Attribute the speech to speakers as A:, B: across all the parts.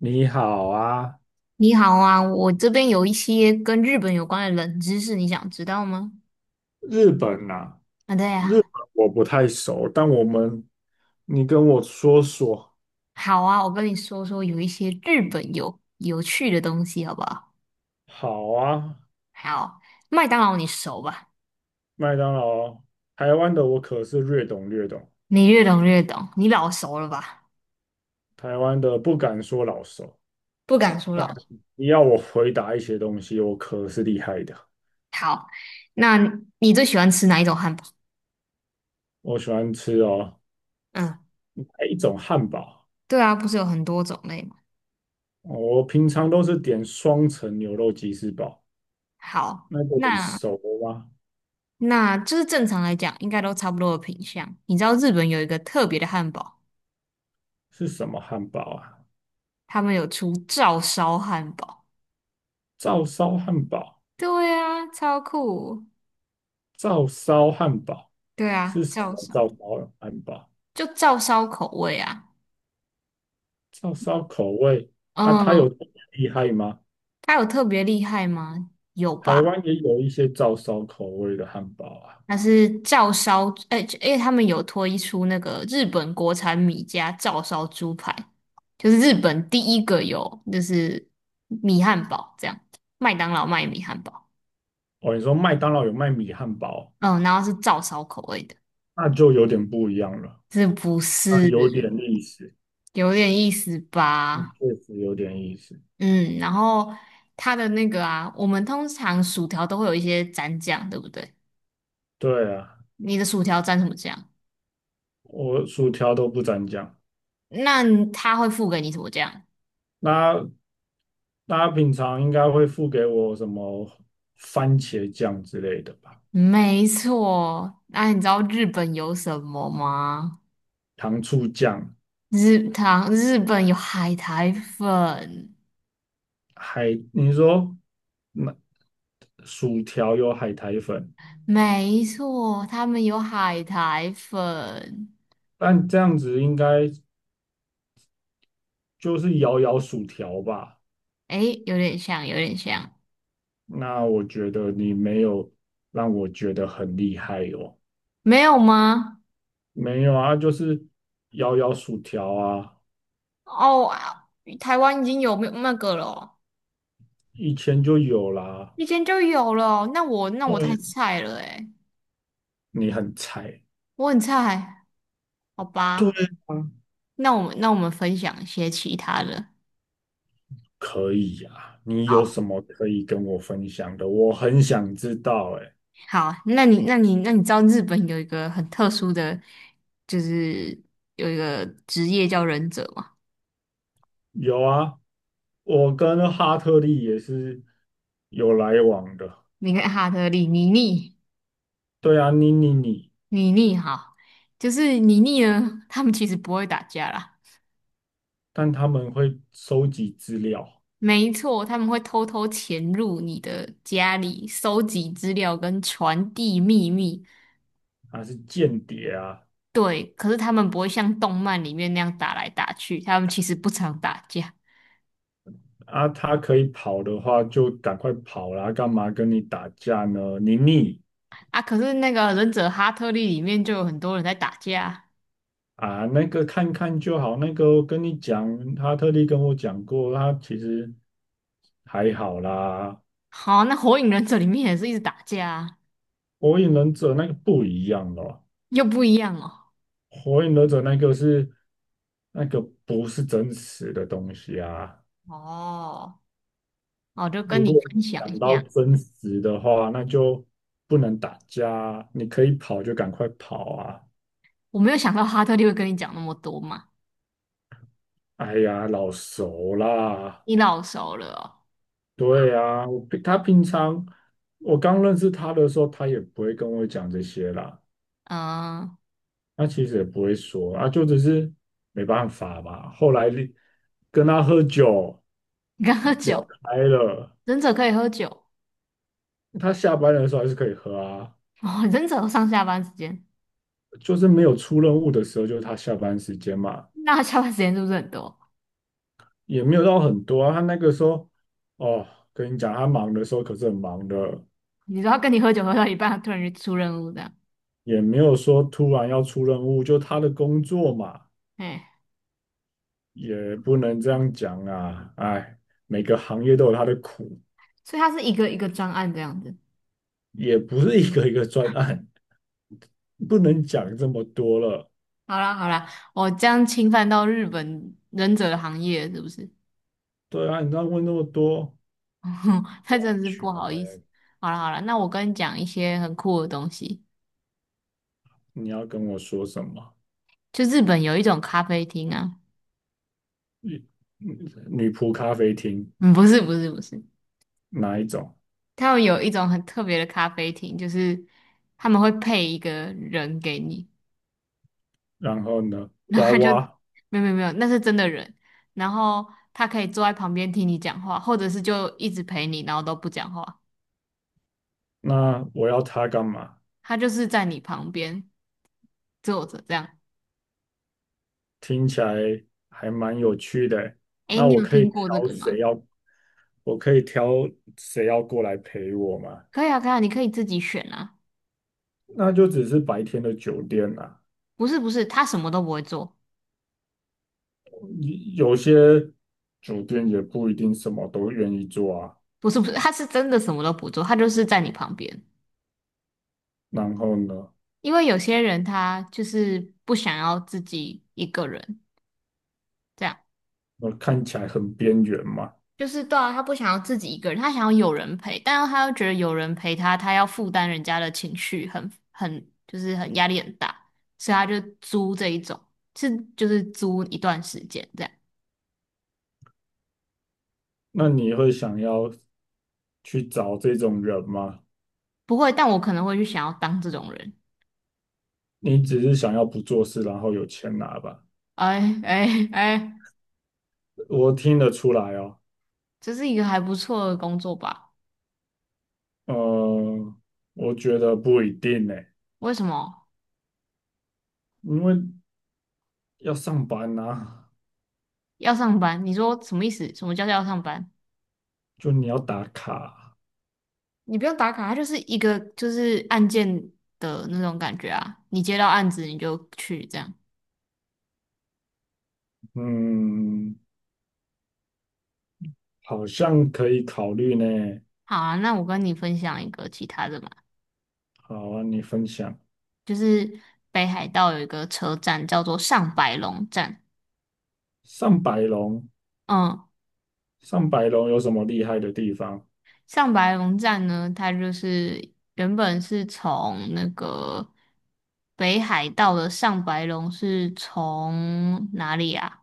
A: 你好啊。
B: 你好啊，我这边有一些跟日本有关的冷知识，你想知道吗？
A: 日本啊，
B: 啊，对
A: 日
B: 啊。
A: 本我不太熟，但我们，你跟我说说。
B: 好啊，我跟你说说有一些日本有趣的东西，好不好？
A: 好啊。
B: 好。麦当劳你熟吧？
A: 麦当劳，台湾的我可是略懂略懂。
B: 你越懂越懂，你老熟了吧？
A: 台湾的不敢说老熟，
B: 不敢说
A: 但
B: 老熟。
A: 你要我回答一些东西，我可是厉害的。
B: 好，那你最喜欢吃哪一种汉堡？
A: 我喜欢吃哦，
B: 嗯，
A: 一种汉堡，
B: 对啊，不是有很多种类吗？
A: 我平常都是点双层牛肉吉士堡，
B: 好，
A: 那个你
B: 那
A: 熟吗？
B: 那就是正常来讲，应该都差不多的品相。你知道日本有一个特别的汉堡，
A: 是什么汉堡啊？
B: 他们有出照烧汉堡。
A: 照烧汉堡。
B: 对啊，超酷。
A: 照烧汉堡
B: 对
A: 是
B: 啊，
A: 什么？照烧汉堡，
B: 就照烧口味啊。
A: 照烧口味。那它有
B: 嗯，
A: 这么厉害吗？
B: 它有特别厉害吗？有
A: 台
B: 吧？
A: 湾也有一些照烧口味的汉堡啊。
B: 它是照烧，他们有推出那个日本国产米家照烧猪排，就是日本第一个有，就是米汉堡这样，麦当劳卖米汉堡。
A: 哦，你说麦当劳有卖米汉堡，
B: 嗯，然后是照烧口味的，
A: 那就有点不一样了，
B: 这不
A: 那
B: 是，
A: 有点意思，
B: 有点意思
A: 那
B: 吧？
A: 确实有点意思。
B: 嗯，然后它的那个啊，我们通常薯条都会有一些蘸酱，对不对？
A: 对啊。
B: 你的薯条蘸什么酱？
A: 我薯条都不沾酱。
B: 那他会付给你什么酱？
A: 那大家平常应该会付给我什么番茄酱之类的吧？
B: 没错，那你知道日本有什么吗？
A: 糖醋酱。
B: 日本有海苔粉，
A: 海，你说那薯条有海苔粉，
B: 没错，他们有海苔粉。
A: 但这样子应该就是摇摇薯条吧？
B: 诶，有点像，有点像。
A: 那我觉得你没有让我觉得很厉害哦。
B: 没有吗？
A: 没有啊，就是摇摇薯条啊。
B: 哦，台湾已经有没有那个了哦？
A: 以前就有啦。
B: 以前就有了，那我太
A: 对。
B: 菜了诶，
A: 你很菜。
B: 我很菜，好
A: 对
B: 吧？
A: 啊。
B: 那我们分享一些其他的。
A: 可以呀、啊你有什
B: 好，
A: 么可以跟我分享的？我很想知道、欸，
B: 好啊，那你知道日本有一个很特殊的，就是有一个职业叫忍者吗？
A: 有啊，我跟哈特利也是有来往的。
B: 你看哈特利、妮妮、
A: 对啊，你，
B: 妮妮，哈，就是妮妮呢，他们其实不会打架啦。
A: 但他们会收集资料，
B: 没错，他们会偷偷潜入你的家里，收集资料跟传递秘密。
A: 他是间谍啊
B: 对，可是他们不会像动漫里面那样打来打去，他们其实不常打架
A: 啊，他可以跑的话就赶快跑啦，干嘛跟你打架呢？你
B: 啊。可是那个忍者哈特利里面就有很多人在打架。
A: 啊，那个看看就好，那个我跟你讲，哈特利跟我讲过，他其实还好啦。
B: 好，那火影忍者里面也是一直打架啊。
A: 火影忍者那个不一样哦。
B: 又不一样哦。
A: 火影忍者那个是那个不是真实的东西啊。
B: 哦，我就跟
A: 如果
B: 你分享一
A: 讲到
B: 下。
A: 真实的话，那就不能打架啊，你可以跑就赶快跑啊！
B: 我没有想到哈特利会跟你讲那么多嘛。
A: 哎呀，老熟啦。
B: 你老熟了哦。
A: 对啊，他平常我刚认识他的时候，他也不会跟我讲这些啦。
B: 嗯，
A: 他其实也不会说啊，就只是没办法嘛。后来跟他喝酒
B: 你刚喝
A: 聊
B: 酒，
A: 开了。
B: 忍者可以喝酒
A: 他下班的时候还是可以喝啊，
B: 哦，忍者有上下班时间，
A: 就是没有出任务的时候，就是他下班时间嘛，
B: 那他下班时间是不是很多？
A: 也没有到很多啊。他那个时候，哦，跟你讲，他忙的时候可是很忙的，
B: 你说他跟你喝酒喝到一半，他突然就出任务这样，
A: 也没有说突然要出任务，就他的工作嘛，
B: 哎。
A: 也不能这样讲啊。哎，每个行业都有他的苦，
B: 所以它是一个一个专案这样子。
A: 也不是一个一个专案，不能讲这么多了。
B: 好啦好啦，我这样侵犯到日本忍者的行业是不是？
A: 对啊，你这样问那么多。
B: 那真的是不好意思。好啦好啦，那我跟你讲一些很酷的东西。
A: 你要跟我说什么？
B: 就日本有一种咖啡厅啊。
A: 女女仆咖啡厅。
B: 嗯，不是不是不是，
A: 哪一种？
B: 他们有一种很特别的咖啡厅，就是他们会配一个人给你，
A: 然后呢，
B: 然后
A: 娃
B: 他就，
A: 娃，
B: 没有没有没有，那是真的人，然后他可以坐在旁边听你讲话，或者是就一直陪你，然后都不讲话。
A: 那我要他干嘛？
B: 他就是在你旁边坐着这样。
A: 听起来还蛮有趣的欸。
B: 诶，
A: 那
B: 你
A: 我
B: 有
A: 可以
B: 听过这
A: 挑
B: 个
A: 谁
B: 吗？
A: 要，我可以挑谁要过来陪我吗？
B: 可以啊，可以啊，你可以自己选啊。
A: 那就只是白天的酒店啦。
B: 不是不是，他什么都不会做。
A: 有些酒店也不一定什么都愿意做啊。
B: 不是不是，他是真的什么都不做，他就是在你旁边。
A: 然后呢，
B: 因为有些人他就是不想要自己一个人，这样
A: 我看起来很边缘嘛。
B: 就是对啊，他不想要自己一个人，他想要有人陪，但是他又觉得有人陪他，他要负担人家的情绪很，很就是很压力很大，所以他就租这一种，是就是租一段时间这样。
A: 那你会想要去找这种人吗？
B: 不会，但我可能会去想要当这种人。
A: 你只是想要不做事，然后有钱拿吧？
B: 哎哎哎，
A: 我听得出来哦。
B: 这是一个还不错的工作吧？
A: 呃，我觉得不一定呢，
B: 为什么
A: 因为要上班呐、
B: 要上班？你说什么意思？什么叫做要上班？
A: 就你要打卡。
B: 你不用打卡，它就是一个就是案件的那种感觉啊。你接到案子你就去这样。
A: 嗯，好像可以考虑呢。
B: 好啊，那我跟你分享一个其他的嘛。
A: 好啊，你分享。
B: 就是北海道有一个车站叫做上白龙站。
A: 上百龙，
B: 嗯，
A: 上百龙有什么厉害的地方？
B: 上白龙站呢，它就是原本是从那个北海道的上白龙是从哪里啊？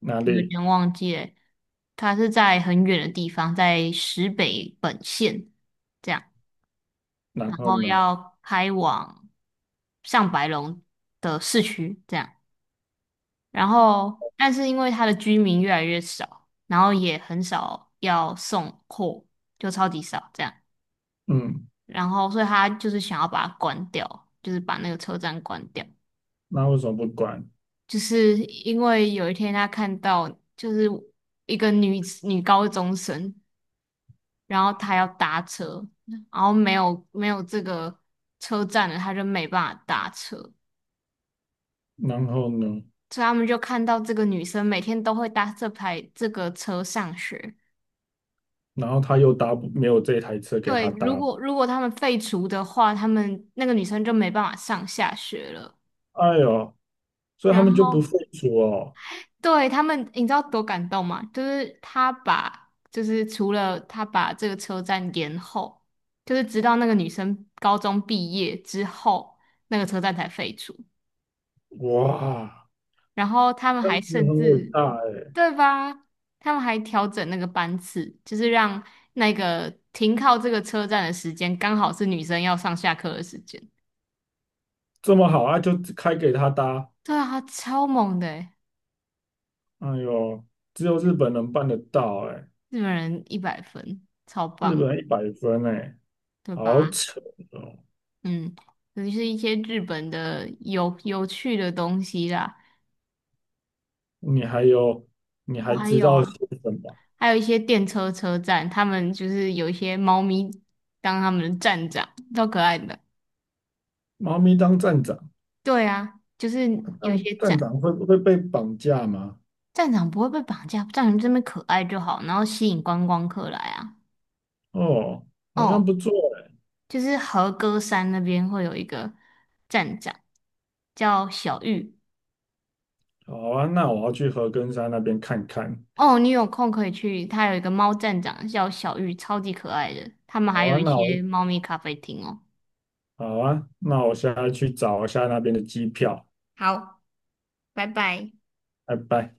A: 哪
B: 我有
A: 里？
B: 点忘记了，它是在很远的地方，在石北本线这样，
A: 然
B: 然
A: 后
B: 后
A: 呢？
B: 要开往上白龙的市区这样，然后但是因为它的居民越来越少，然后也很少要送货，就超级少这样。
A: 嗯，
B: 然后所以他就是想要把它关掉，就是把那个车站关掉，
A: 那为什么不管？
B: 就是因为有一天他看到就是一个女高中生，然后她要搭车，然后没有，没有这个车站了，她就没办法搭车，
A: 然后呢？
B: 所以他们就看到这个女生每天都会搭这排这个车上学。
A: 然后他又搭不，没有这台车给
B: 对，
A: 他搭，
B: 如果他们废除的话，他们那个女生就没办法上下学了。
A: 哎呦，所以他
B: 然
A: 们就不废
B: 后
A: 除哦。
B: 对，他们，你知道多感动吗？就是他把，就是除了他把这个车站延后，就是直到那个女生高中毕业之后，那个车站才废除。
A: 哇，
B: 然后他们
A: 这样
B: 还
A: 子
B: 甚
A: 很伟
B: 至，
A: 大哎。
B: 对吧？他们还调整那个班次，就是让那个停靠这个车站的时间刚好是女生要上下课的时间。
A: 这么好啊，就开给他搭。
B: 对啊，超猛的欸。
A: 哎呦，只有日本能办得到哎、
B: 日本人一百分，超
A: 日
B: 棒，
A: 本100分哎、
B: 对
A: 好
B: 吧？
A: 扯哦！
B: 嗯，尤其是一些日本的有趣的东西啦。
A: 你还有，你
B: 我
A: 还
B: 还
A: 知
B: 有
A: 道些
B: 啊，
A: 什么？
B: 还有一些电车车站，他们就是有一些猫咪当他们的站长，超可爱的。
A: 猫咪当站长，
B: 对啊，就是有一
A: 当
B: 些
A: 站长会不会被绑架吗？
B: 站长不会被绑架，站长这边可爱就好，然后吸引观光客来啊。
A: 哦，好像
B: 哦，
A: 不错哎、
B: 就是和歌山那边会有一个站长叫小玉。
A: 好啊，那我要去和根山那边看看。
B: 哦，你有空可以去，它有一个猫站长叫小玉，超级可爱的。他们
A: 好
B: 还有
A: 啊，
B: 一些猫咪咖啡厅哦。
A: 那我现在去找一下那边的机票。
B: 好，拜拜。
A: 拜拜。